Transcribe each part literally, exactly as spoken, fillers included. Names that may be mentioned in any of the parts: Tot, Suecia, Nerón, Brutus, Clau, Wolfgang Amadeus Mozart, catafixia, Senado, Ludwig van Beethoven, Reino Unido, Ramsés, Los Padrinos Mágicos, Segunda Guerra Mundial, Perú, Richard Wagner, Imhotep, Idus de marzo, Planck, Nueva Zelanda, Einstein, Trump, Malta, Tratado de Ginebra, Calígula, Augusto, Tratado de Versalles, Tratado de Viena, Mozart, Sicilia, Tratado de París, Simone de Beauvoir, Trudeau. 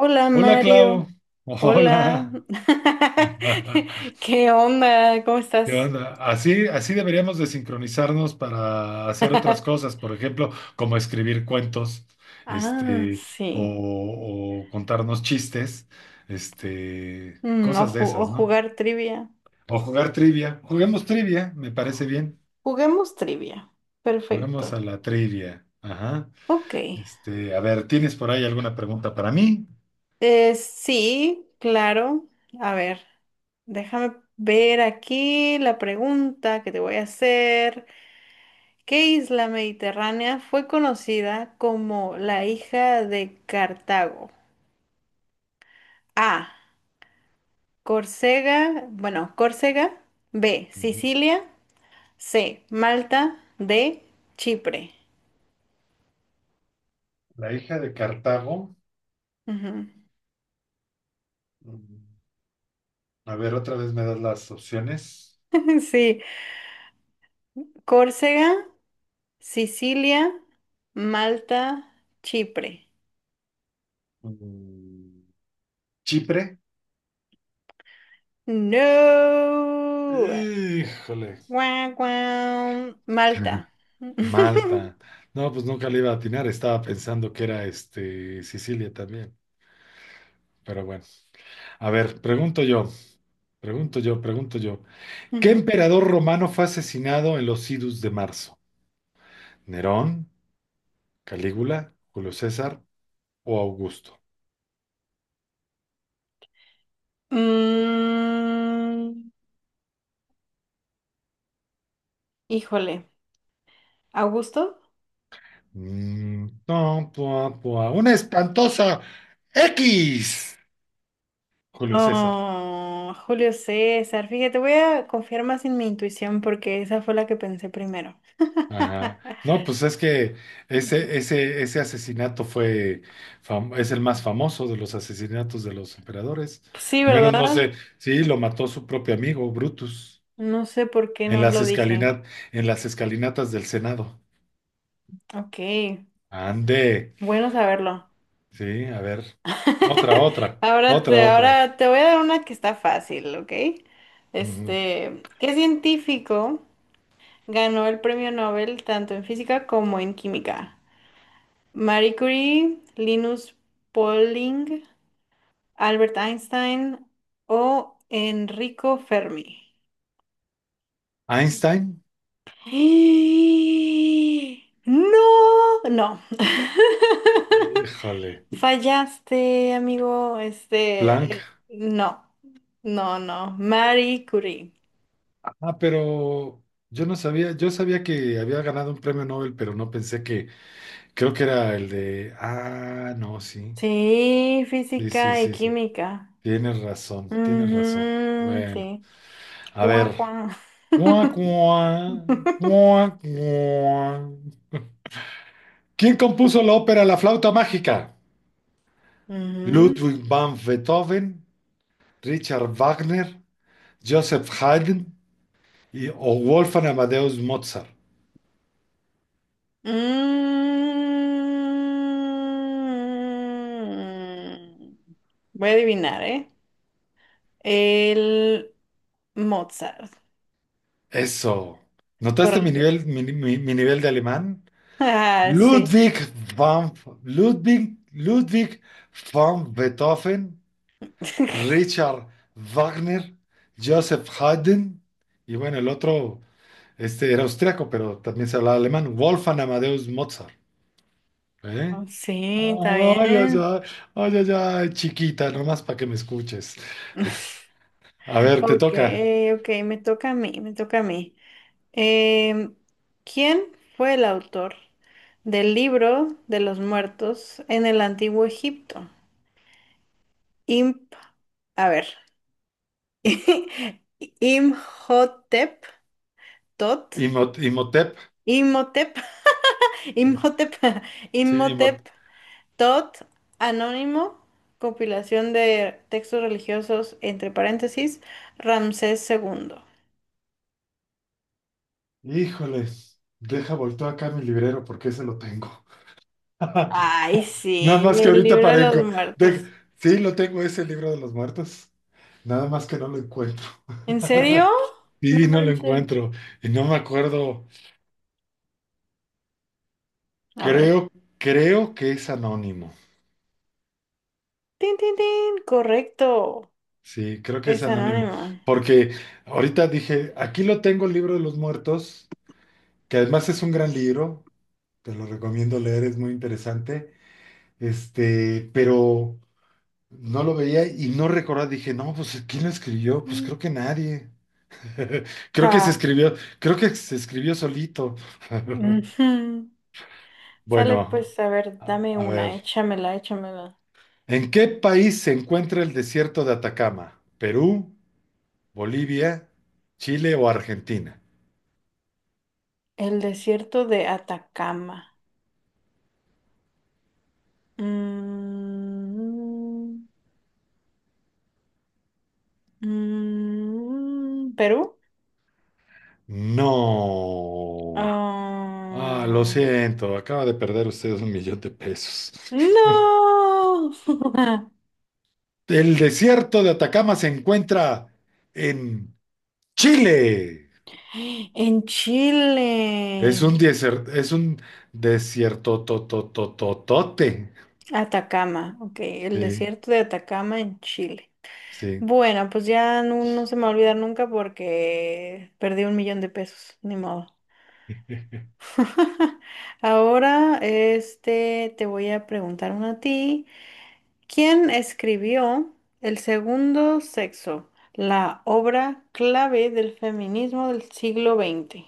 Hola Hola, Mario, Clau. hola. Hola. ¿Qué onda? ¿Cómo ¿Qué estás? onda? Así, así deberíamos de sincronizarnos para hacer otras cosas, por ejemplo, como escribir cuentos, Ah, este, sí. o, o contarnos chistes, este, Mm, o, cosas de ju- o esas, ¿no? jugar trivia. O jugar trivia. Juguemos trivia, me parece bien. Juguemos trivia. Juguemos Perfecto. a la trivia. Ajá. Ok. Este, a ver, ¿tienes por ahí alguna pregunta para mí? Eh, sí, claro. A ver, déjame ver aquí la pregunta que te voy a hacer. ¿Qué isla mediterránea fue conocida como la hija de Cartago? A. Córcega, bueno, Córcega, B, Ujú. Sicilia, C, Malta, D, Chipre. La hija de Cartago. Ujú. Mm, A ver, otra vez me das las opciones. Sí, Córcega, Sicilia, Malta, Chipre. Mm, Chipre. No. Híjole, Guau, guau. Malta. Malta. No, pues nunca le iba a atinar, estaba pensando que era este Sicilia también. Pero bueno, a ver, pregunto yo, pregunto yo, pregunto yo. ¿Qué Ujú. emperador romano fue asesinado en los Idus de marzo? ¿Nerón, Calígula, Julio César o Augusto? Mm, híjole, ¿Augusto? Mm, no, pua, pua. Una espantosa X. Julio César. Oh, Julio César, fíjate, voy a confiar más en mi intuición porque esa fue la que pensé primero. Ajá. No, pues es que ese, Mm. ese, ese asesinato fue, fam- es el más famoso de los asesinatos de los emperadores. Sí, Al menos no ¿verdad? sé, sí, lo mató su propio amigo, Brutus, No sé por qué en no las lo dije. escalinat, en las escalinatas del Senado. Ok, Ande. bueno saberlo. Sí, a ver. Otra, otra, Ahora otra, te, otra. ahora te voy a dar una que está fácil, ¿ok? Ujú. Este, ¿qué científico ganó el premio Nobel tanto en física como en química? Marie Curie, Linus Pauling, Albert Einstein o Enrico Fermi. Einstein. ¡Eh! No, no, Híjole. fallaste, amigo. Planck. Este, no, no, no. Marie Curie. Ah, pero yo no sabía, yo sabía que había ganado un premio Nobel, pero no pensé que. Creo que era el de. Ah, no, sí. Sí, Sí, sí, física y sí, sí. química. Tienes razón, tienes razón. Ujú, Bueno, sí. a ver. Cuá, cuá. Cuá, cuá, cuá, cuá. ¿Quién compuso la ópera La flauta mágica? Ujú. Ludwig van Beethoven, Richard Wagner, Joseph Haydn y, o Wolfgang Amadeus Mozart. Mm. Voy a adivinar, ¿eh? El Mozart, Eso. ¿Notaste mi correcto. nivel, mi, mi- mi nivel de alemán? Ah, sí. Ludwig van, Ludwig, Ludwig van Beethoven, Richard Wagner, Joseph Haydn, y bueno, el otro este, era austriaco, pero también se hablaba alemán, Wolfgang Amadeus Mozart. ¿Eh? Sí, está Ay, ay, ay, bien. ay, ay, ay, chiquita, nomás para que me escuches. A ver, te Ok, toca. ok, me toca a mí, me toca a mí. Em, ¿quién fue el autor del libro de los muertos en el antiguo Egipto? Imp, a ver. Imhotep, Tot, Imot- Imhotep, Imhotep, Imhotep, sí, Imhotep Imhotep. Tot Anónimo, compilación de textos religiosos, entre paréntesis, Ramsés segundo. Híjole, deja volteo acá mi librero porque ese lo tengo. Ay, Nada sí, más que el ahorita libro de los parezco. De- muertos. Sí, lo tengo, ese libro de los muertos. Nada más que no lo encuentro. ¿En serio? No Sí, no lo manches. encuentro. Y no me acuerdo. A ver. Creo, creo que es anónimo. Tin, tin, tin. Correcto. Sí, creo que es Es anónimo. anónimo. Porque ahorita dije, aquí lo tengo el libro de los muertos, que además es un gran libro. Te lo recomiendo leer, es muy interesante. Este, pero no lo veía y no recordaba. Dije, no, pues ¿quién lo escribió? Pues Mm. creo que nadie. Creo que se Ja. escribió, creo que se escribió solito. Ujú. Sale Bueno, pues, a ver, a, dame a una, ver. échamela, échamela. ¿En qué país se encuentra el desierto de Atacama? ¿Perú, Bolivia, Chile o Argentina? El desierto de Atacama. Mm, mm, mm, ¿Perú? No. Ah, lo Ah, siento, acaba de perder ustedes un millón de pesos. no. El desierto de Atacama se encuentra en Chile. En Es Chile. un desierto, es un desierto totototote. Atacama, ok, el Sí, desierto de Atacama en Chile. sí. Bueno, pues ya no, no se me va a olvidar nunca porque perdí un millón de pesos, ni modo. Ahora, este, te voy a preguntar una a ti. ¿Quién escribió El segundo sexo, la obra clave del feminismo del siglo veinte?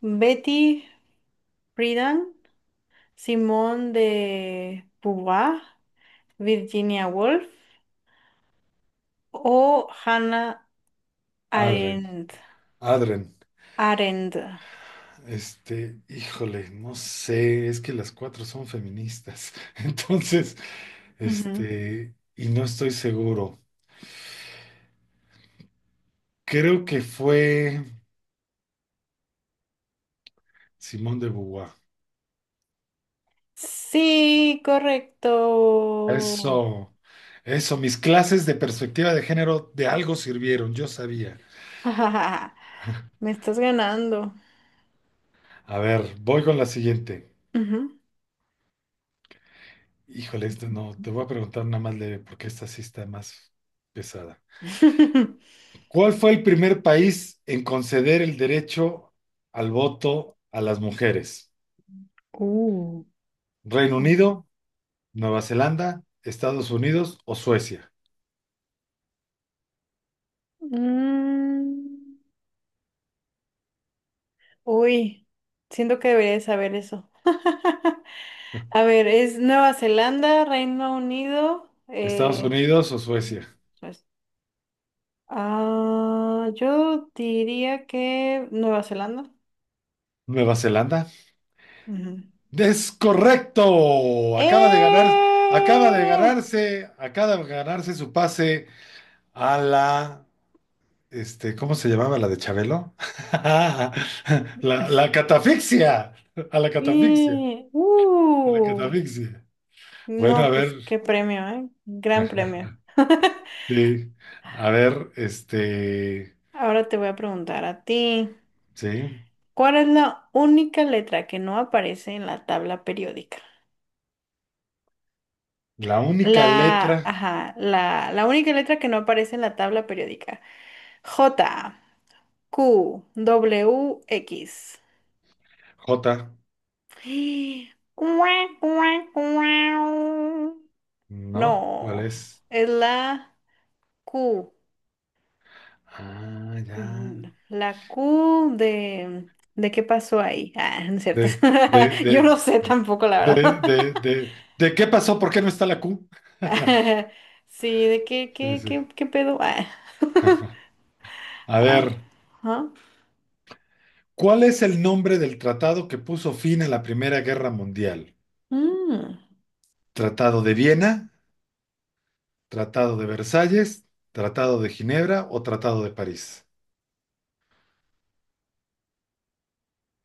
Betty Friedan, Simone de Beauvoir, Virginia Woolf o Hannah Adren, Arendt. Adren, Arendt. este, híjole, no sé, es que las cuatro son feministas, entonces, Ujú. este, y no estoy seguro. Creo que fue Simone de Beauvoir. Sí, correcto. Eso, eso, mis clases de perspectiva de género de algo sirvieron, yo sabía. Me estás ganando. A ver, voy con la siguiente. Ujú. Híjole, esta no, te voy a preguntar nada más leve, porque esta sí está más pesada. ¿Cuál fue el primer país en conceder el derecho al voto a las mujeres? Uh. ¿Reino Unido, Nueva Zelanda, Estados Unidos o Suecia? Mm, uy, siento que debería de saber eso. A ver, es Nueva Zelanda, Reino Unido. Estados eh, Unidos o Suecia. pues, ah, yo diría que Nueva Zelanda. Nueva Zelanda. Ujú. Es correcto. Acaba de ganar, acaba de ¡Eh! ganarse, acaba de ganarse su pase a la, este, ¿cómo se llamaba la de Chabelo? La, la catafixia. A la catafixia. Y, A la uh, catafixia. Bueno, a no, ver. pues qué premio, ¿eh? Gran premio. Sí, a ver, este, Ahora te voy a preguntar a ti, sí, ¿cuál es la única letra que no aparece en la tabla periódica? la única letra La, ajá, la, la única letra que no aparece en la tabla periódica. J, Q, W, X. J, Cuac, cuac, cuau. No, ¿no? ¿Cuál es? es la Q. Ah, ya. Mm, la Q de... ¿De qué pasó ahí? Ah, no es cierto. De, de, Yo de, no sé tampoco, la verdad. de, de, de, ¿de qué pasó? ¿Por qué no está la Q? Sí, ¿de qué, Sí, qué, sí. qué, qué pedo? Ah, A a ver, ver, ajá. ¿cuál es el nombre del tratado que puso fin a la Primera Guerra Mundial? Mm. ¿Tratado de Viena, Tratado de Versalles, Tratado de Ginebra o Tratado de París?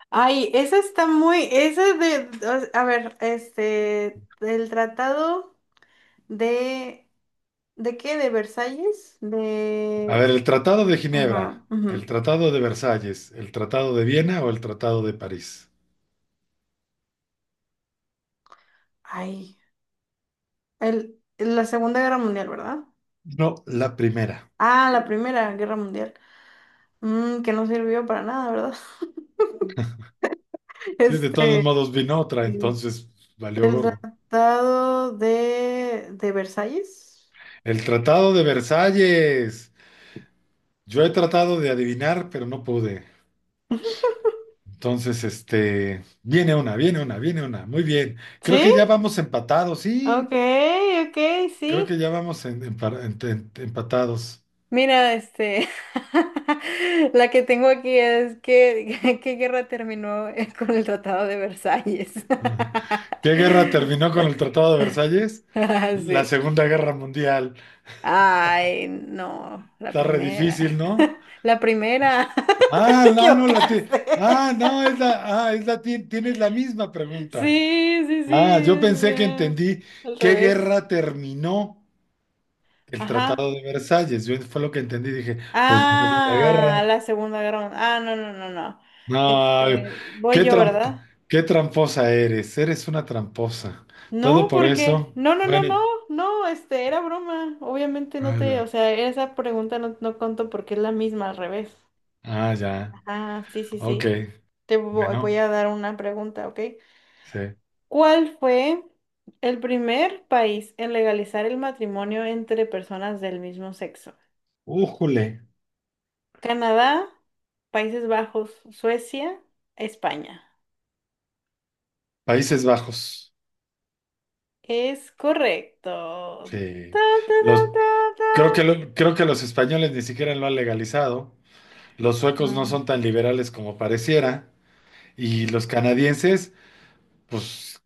Ay, esa está muy... Esa de... A ver, este... El tratado... ¿De, de qué? ¿De Versalles? A ver, De... el Tratado de Ginebra, Ajá, el ujú. Tratado de Versalles, el Tratado de Viena o el Tratado de París. Ay, el, la Segunda Guerra Mundial, ¿verdad? No, la primera. Ah, la Primera Guerra Mundial. Mm, que no sirvió para nada, ¿verdad? Sí, de todos Este, modos vino otra, sí. entonces valió El gorro. Tratado de, de Versalles. El Tratado de Versalles. Yo he tratado de adivinar, pero no pude. Entonces, este, viene una, viene una, viene una. Muy bien. Creo ¿Sí? que ya vamos empatados, sí. Ok, ok, Creo sí. que ya vamos en- empa- en- en- empatados. Mira, este, la que tengo aquí es que, ¿qué guerra terminó, eh, con el Tratado de Versalles? ¿Qué guerra terminó con el Tratado de Versalles? La Sí. Segunda Guerra Mundial. Ay, no, la Está re primera. difícil, ¿no? La primera. Ah, Te no, no, la ti- equivocaste. ah, no, es la, ah, es la ti- tienes la misma Sí, pregunta. sí, sí. Ah, yo es, pensé que eh, entendí al qué revés. guerra terminó el Ajá. Tratado de Versalles. Yo fue lo que entendí, dije, pues la Segunda Ah, Guerra. la Segunda Guerra Mundial. Ah, no, no, no, no. No, Este, voy qué yo, trampa, ¿verdad? qué tramposa eres, eres una tramposa. Todo No, por porque. eso. No, no, no, no. Bueno, No, este, era broma. Obviamente no ah, te. ya. O sea, esa pregunta no, no conto porque es la misma al revés. Ah, ya. Ajá, sí, sí, Ok. sí. Te vo- voy Bueno, a dar una pregunta, ¿ok? sí. ¿Cuál fue el primer país en legalizar el matrimonio entre personas del mismo sexo? Újule. Canadá, Países Bajos, Suecia, España. Países Bajos. Es correcto. Ta, Sí. ta, Los, ta, Creo que, ta, lo- creo que los españoles ni siquiera lo han legalizado, los suecos no ta. son tan liberales como pareciera, y los canadienses, pues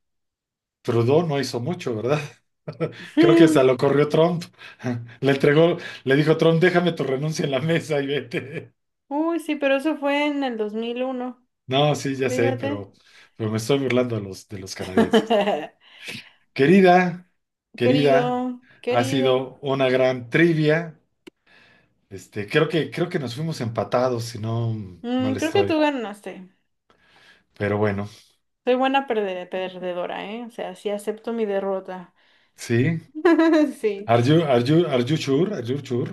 Trudeau no hizo mucho, ¿verdad? Creo que hasta No. lo corrió Trump, le entregó, le dijo Trump, déjame tu renuncia en la mesa y vete. Uy, sí, pero eso fue en el dos mil uno. No, sí, ya sé, Fíjate. pero, pero, me estoy burlando de los, de los canadienses. Querida, querida, Querido, ha querido. sido una gran trivia. Este, creo que, creo que nos fuimos empatados, si no Mm, mal creo que estoy, tú ganaste. pero bueno. Soy buena perde- perdedora, ¿eh? O sea, sí acepto mi derrota. Sí. Sí. Are you, are you- are you sure? Are you sure?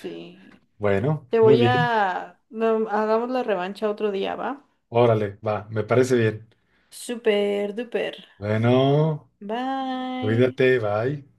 Sí. Bueno, Te muy voy bien. a... no, hagamos la revancha otro día, ¿va? Órale, va, me parece bien. Super duper. Bueno, Bye. cuídate, bye.